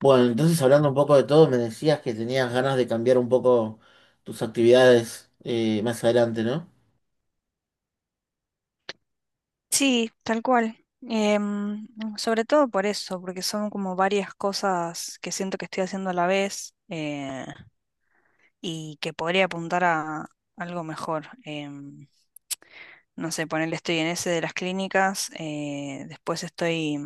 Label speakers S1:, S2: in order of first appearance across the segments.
S1: Bueno, entonces hablando un poco de todo, me decías que tenías ganas de cambiar un poco tus actividades más adelante, ¿no?
S2: Sí, tal cual. Sobre todo por eso, porque son como varias cosas que siento que estoy haciendo a la vez y que podría apuntar a algo mejor. Em, no sé, ponerle estoy en ese de las clínicas, después estoy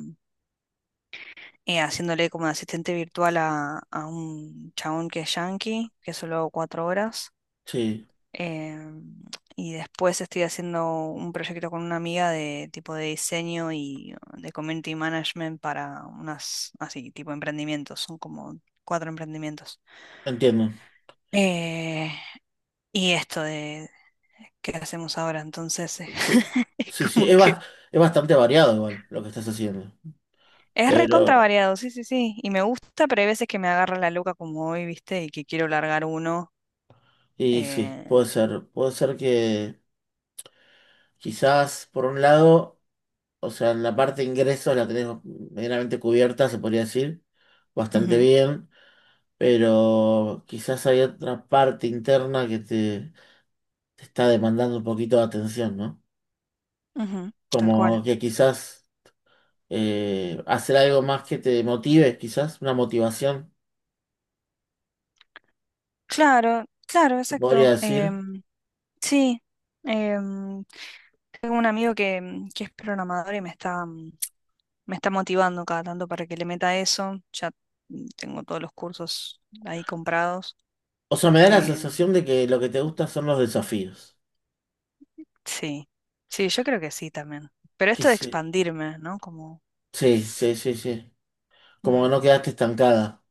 S2: haciéndole como de asistente virtual a un chabón que es yankee, que solo hago 4 horas.
S1: Sí,
S2: Em, y después estoy haciendo un proyecto con una amiga de tipo de diseño y de community management para unas, así, tipo emprendimientos. Son como cuatro emprendimientos.
S1: entiendo.
S2: Eh, y esto de qué hacemos ahora, entonces
S1: Sí,
S2: es
S1: sí, sí,
S2: como que
S1: es bastante variado igual lo que estás haciendo.
S2: es recontra
S1: Pero,
S2: variado, sí, sí, sí. Y me gusta, pero hay veces que me agarra la loca como hoy, ¿viste? Y que quiero largar uno.
S1: y sí,
S2: eh,
S1: puede ser que quizás por un lado, o sea, en la parte de ingresos la tenés medianamente cubierta, se podría decir, bastante
S2: Ujú,
S1: bien, pero quizás hay otra parte interna te está demandando un poquito de atención, ¿no?
S2: ujú, tal cual.
S1: Como que quizás hacer algo más que te motive, quizás una motivación,
S2: Claro, claro,
S1: te podría
S2: exacto.
S1: decir.
S2: Sí, em, tengo un amigo que que es programador y me está me está motivando cada tanto para que le meta eso. Ya tengo todos los cursos ahí comprados.
S1: O sea, me da la
S2: Eh,
S1: sensación de que lo que te gusta son los desafíos.
S2: sí, sí, yo creo que sí también. Pero
S1: Que
S2: esto de
S1: sí,
S2: expandirme, ¿no? Como...
S1: sí, sí, sí, sí. Como
S2: mm,
S1: que no quedaste estancada.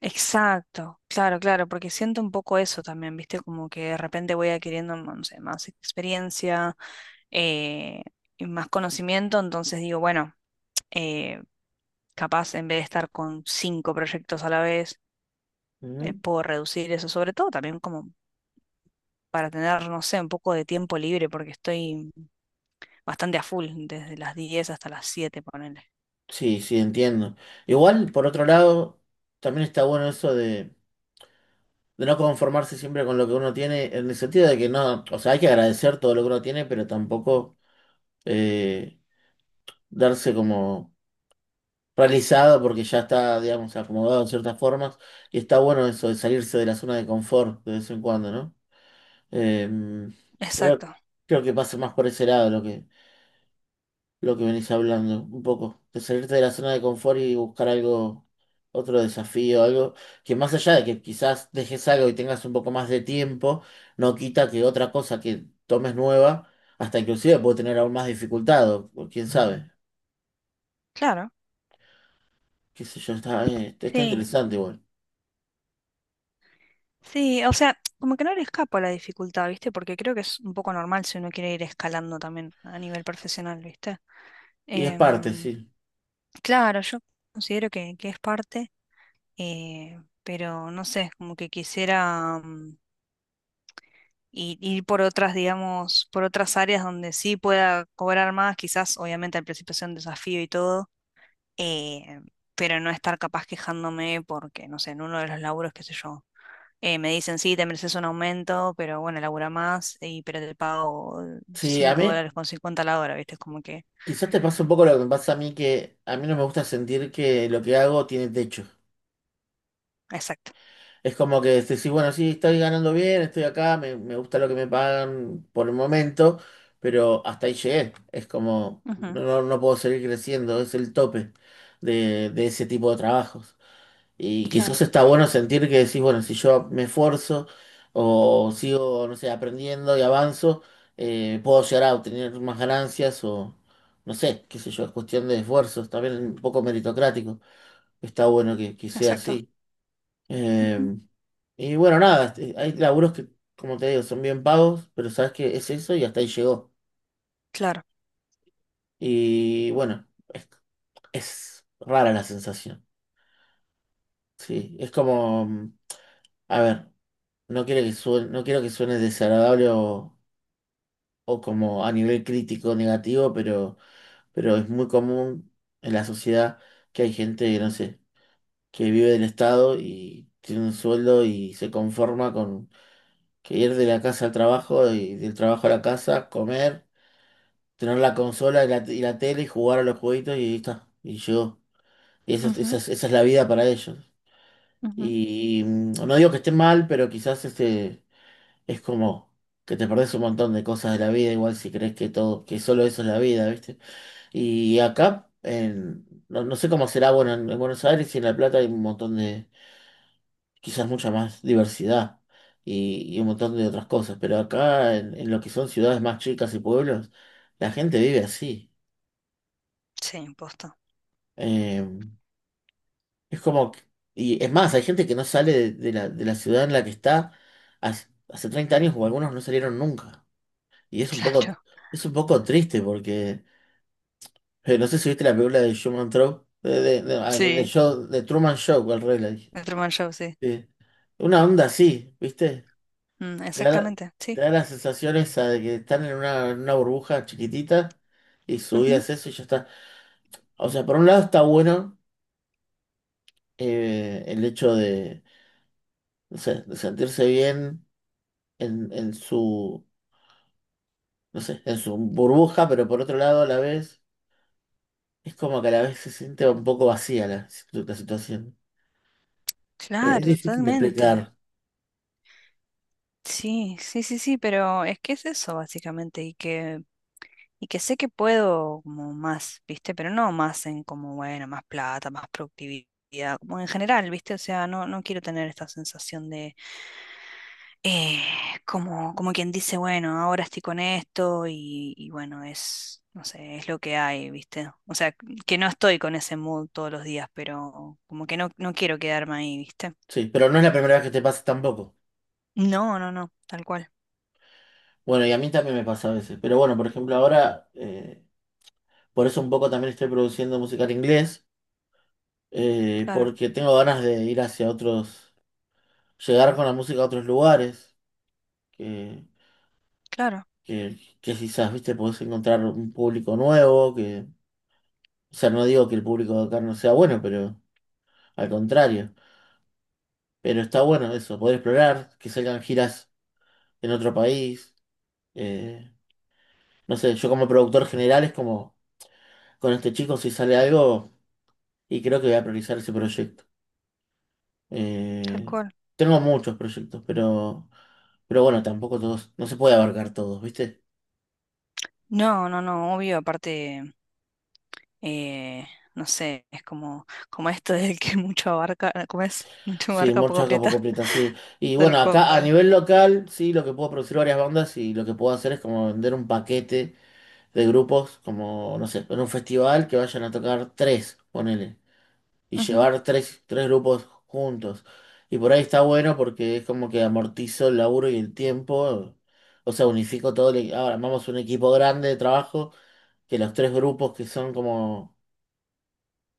S2: Exacto, claro, claro, porque siento un poco eso también, ¿viste? Como que de repente voy adquiriendo, no sé, más experiencia eh, y más conocimiento, entonces digo, bueno, eh, capaz en vez de estar con 5 proyectos a la vez,
S1: Ujú.
S2: puedo reducir eso, sobre todo también como para tener, no sé, un poco de tiempo libre, porque estoy bastante a full, desde las 10 hasta las 7, ponele.
S1: Sí, sí, entiendo. Igual, por otro lado, también está bueno eso de no conformarse siempre con lo que uno tiene, en el sentido de que no, o sea, hay que agradecer todo lo que uno tiene, pero tampoco eh, darse como realizada porque ya está, digamos, acomodado en ciertas formas. Y está bueno eso de salirse de la zona de confort de vez en cuando, ¿no? Eh, creo,
S2: Exacto,
S1: creo que pasa más por ese lado lo que venís hablando, un poco. De salirte de la zona de confort y buscar algo, otro desafío, algo que más allá de que quizás dejes algo y tengas un poco más de tiempo, no quita que otra cosa que tomes nueva, hasta inclusive puede tener aún más dificultad, o quién sabe.
S2: claro,
S1: Qué sé yo, está
S2: sí,
S1: interesante igual.
S2: sí, o sea, como que no le escapo a la dificultad, ¿viste? Porque creo que es un poco normal si uno quiere ir escalando también a nivel profesional, ¿viste?
S1: Y es parte,
S2: Em,
S1: sí.
S2: Claro, yo considero que es parte, pero no sé, como que quisiera, y ir por otras, digamos, por otras áreas donde sí pueda cobrar más, quizás obviamente al principio sea un desafío y todo, eh, pero no estar capaz quejándome porque, no sé, en uno de los laburos, qué sé yo, me dicen, sí, te mereces un aumento, pero bueno, labura más, y, pero te pago
S1: Sí, a
S2: cinco
S1: mí
S2: dólares con cincuenta la hora, ¿viste? Es como que,
S1: quizás te pasa un poco lo que me pasa a mí, que a mí no me gusta sentir que lo que hago tiene techo.
S2: exacto.
S1: Es como que decís: "Sí, bueno, sí, estoy ganando bien, estoy acá, me gusta lo que me pagan por el momento, pero hasta ahí llegué". Es como, no,
S2: Ujú,
S1: no puedo seguir creciendo, es el tope de ese tipo de trabajos. Y quizás
S2: claro,
S1: está bueno sentir que decís, bueno, si yo me esfuerzo o sigo, no sé, aprendiendo y avanzo, puedo llegar a obtener más ganancias o, no sé, qué sé yo, es cuestión de esfuerzos, también un poco meritocrático. Está bueno que sea
S2: exacto.
S1: así.
S2: Ujú,
S1: Eh, y bueno, nada, este, hay laburos que, como te digo, son bien pagos, pero sabes que es eso y hasta ahí llegó.
S2: claro.
S1: Y bueno, es, es rara la sensación. Sí, es como, a ver. No quiero que suene, no quiero que suene desagradable o como a nivel crítico negativo, pero es muy común en la sociedad que hay gente que, no sé, que vive del Estado y tiene un sueldo y se conforma con que ir de la casa al trabajo y del trabajo a la casa, comer, tener la consola y la tele y jugar a los jueguitos y ahí está. Y yo, y eso,
S2: Ujú,
S1: esa es la vida para ellos.
S2: ujú.
S1: Y, no digo que esté mal, pero quizás este es como que te perdés un montón de cosas de la vida, igual si crees que todo, que solo eso es la vida, ¿viste? Y acá, en, no, no sé cómo será, bueno, en Buenos Aires y en La Plata hay un montón de, quizás mucha más diversidad y un montón de otras cosas, pero acá en lo que son ciudades más chicas y pueblos, la gente vive así.
S2: Sí, imposto.
S1: Eh, es como, que- y es más, hay gente que no sale de la ciudad en la que está hace, hace 30 años o algunos no salieron nunca. Y
S2: Claro.
S1: es un poco triste porque no sé si viste la película de Truman Show,
S2: Sí,
S1: de Truman Show, al revés la dije.
S2: el Truman Show, sí.
S1: Eh, una onda así, ¿viste?
S2: Mm,
S1: Te da,
S2: exactamente, sí.
S1: te da las sensaciones de que están en una burbuja chiquitita y su vida es eso y ya está. O sea, por un lado está bueno el hecho de, no sé, de sentirse bien en su, no sé, en su burbuja, pero por otro lado a la vez es como que a la vez se siente un poco vacía la, la situación. Es
S2: Claro,
S1: difícil de
S2: totalmente.
S1: explicar,
S2: Sí, sí, sí, sí, pero es que es eso básicamente y que sé que puedo como más, ¿viste? Pero no más en como bueno, más plata, más productividad, como en general, ¿viste? O sea, no quiero tener esta sensación de eh, como quien dice, bueno, ahora estoy con esto y bueno, es no sé, es lo que hay, ¿viste? O sea, que no estoy con ese mood todos los días, pero como que no quiero quedarme ahí, ¿viste?
S1: sí, pero no es la primera vez que te pasa tampoco.
S2: No, no, no, tal cual.
S1: Bueno, y a mí también me pasa a veces, pero bueno, por ejemplo, ahora, por eso un poco también estoy produciendo música en inglés,
S2: Claro,
S1: porque tengo ganas de ir hacia otros, llegar con la música a otros lugares, que,
S2: claro.
S1: que quizás, viste, podés encontrar un público nuevo, que, o sea, no digo que el público de acá no sea bueno, pero al contrario, pero está bueno eso, poder explorar, que salgan giras en otro país. eh, no sé, yo como productor general es como con este chico si sale algo y creo que voy a priorizar ese proyecto.
S2: Tal
S1: Eh,
S2: cual.
S1: Tengo muchos proyectos, pero bueno, tampoco todos, no se puede abarcar todos, ¿viste?
S2: No, no, no, obvio, aparte, eh, no sé, es como, como esto del que mucho abarca, ¿cómo es? Mucho
S1: Sí,
S2: abarca, poco
S1: mucha capa
S2: aprieta,
S1: completa, sí. Y
S2: tal
S1: bueno, acá a
S2: cual.
S1: nivel local, sí, lo que puedo producir varias bandas y lo que puedo hacer es como vender un paquete de grupos, como, no sé, en un festival que vayan a tocar tres, ponele. Y
S2: Ujú,
S1: llevar tres grupos juntos. Y por ahí está bueno porque es como que amortizo el laburo y el tiempo, o sea, unifico todo, el, e, ahora armamos un equipo grande de trabajo, que los tres grupos que son como,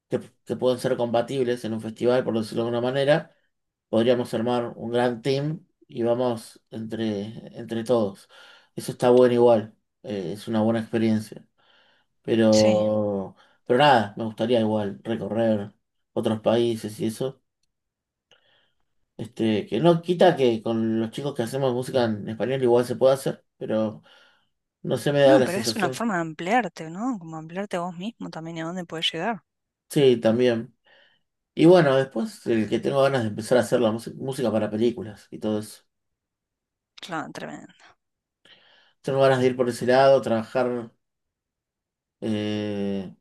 S1: que, que pueden ser compatibles en un festival, por decirlo de alguna manera, podríamos armar un gran team y vamos entre todos. Eso está bueno igual, es una buena experiencia.
S2: sí.
S1: Pero, pero nada, me gustaría igual recorrer otros países y eso. Este, que no quita que con los chicos que hacemos música en español igual se puede hacer, pero no se me da
S2: No,
S1: la
S2: pero es una
S1: sensación.
S2: forma de ampliarte, ¿no? Como ampliarte a vos mismo también y a dónde puedes llegar.
S1: Sí, también. Y bueno, después el que tengo ganas de empezar a hacer la música, música para películas y todo eso.
S2: Claro, tremendo.
S1: Tengo ganas de ir por ese lado, trabajar. eh,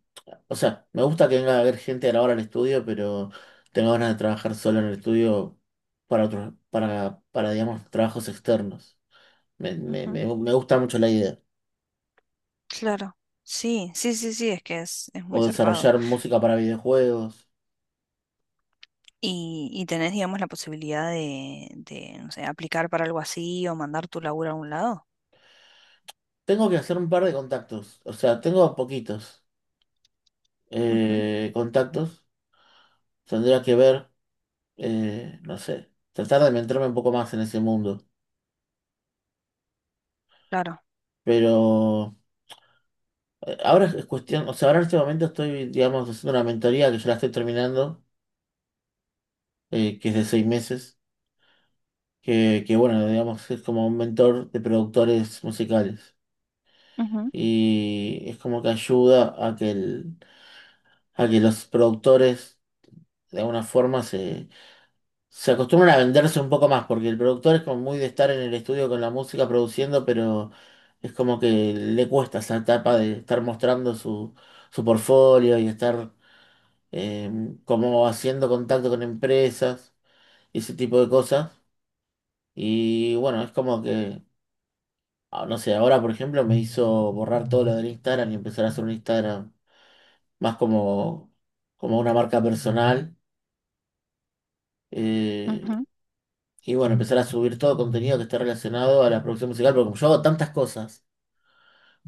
S1: o sea, me gusta que venga a ver gente a la hora al estudio, pero tengo ganas de trabajar solo en el estudio para otros, para, digamos, trabajos externos. me me-
S2: Ujú,
S1: me- me gusta mucho la idea.
S2: claro. Sí, sí, sí, sí, es que es
S1: O
S2: muy zarpado.
S1: desarrollar música para videojuegos.
S2: Y tenés, digamos, la posibilidad de no sé, aplicar para algo así o mandar tu laburo a un lado.
S1: Tengo que hacer un par de contactos, o sea, tengo poquitos
S2: Ujú,
S1: contactos. Tendría que ver, no sé, tratar de meterme un poco más en ese mundo.
S2: claro.
S1: Pero ahora es cuestión, o sea, ahora en este momento estoy, digamos, haciendo una mentoría que ya la estoy terminando, que es de 6 meses, que bueno, digamos, es como un mentor de productores musicales.
S2: Ujú,
S1: Y es como que ayuda a a que los productores de alguna forma se acostumbran a venderse un poco más, porque el productor es como muy de estar en el estudio con la música produciendo, pero es como que le cuesta esa etapa de estar mostrando su, su portfolio y estar eh, como haciendo contacto con empresas y ese tipo de cosas. Y bueno, es como que, ah, no sé, ahora por ejemplo me hizo borrar todo lo del Instagram y empezar a hacer un Instagram más como, como una marca personal. eh,
S2: ujú.
S1: Y bueno, empezar a subir todo contenido que esté relacionado a la producción musical, porque como yo hago tantas cosas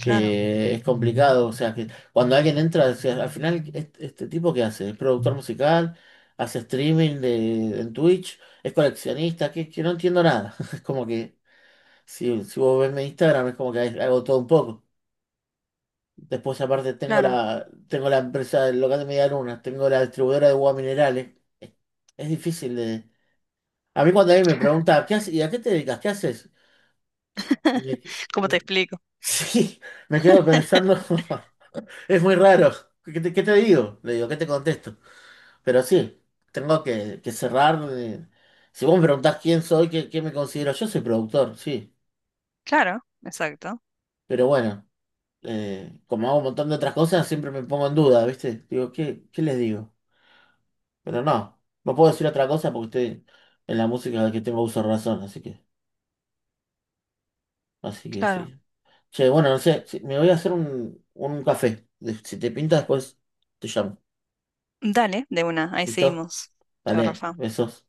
S2: Claro,
S1: que es complicado, o sea, que cuando alguien entra, o sea, al final, este, ¿este tipo que hace? ¿Es productor musical? ¿Hace streaming de, en Twitch? ¿Es coleccionista? Que no entiendo nada. Es como que, si, si vos ves mi Instagram, es como que hago todo un poco. Después, aparte,
S2: claro.
S1: tengo la empresa del local de Media Luna, tengo la distribuidora de agua minerales. Es difícil de... A mí cuando alguien me pregunta: ¿qué haces? ¿Y a qué te dedicas? ¿Qué haces? Me que-
S2: ¿Cómo te explico?
S1: sí, me quedo pensando, es muy raro. Qué te digo? Le digo, ¿qué te contesto? Pero sí, tengo que cerrar. Si vos me preguntás quién soy, qué, qué me considero, yo soy productor, sí.
S2: Claro, exacto.
S1: Pero bueno, como hago un montón de otras cosas, siempre me pongo en duda, ¿viste? Digo, ¿qué, qué les digo? Pero no, no puedo decir otra cosa porque estoy en la música que tengo uso de razón, así que
S2: Claro.
S1: sí. Che, bueno, no sé, si- me voy a hacer un café. Si te pinta después, te llamo.
S2: Dale, de una, ahí
S1: ¿Listo?
S2: seguimos. Chao,
S1: Vale,
S2: Rafa.
S1: besos.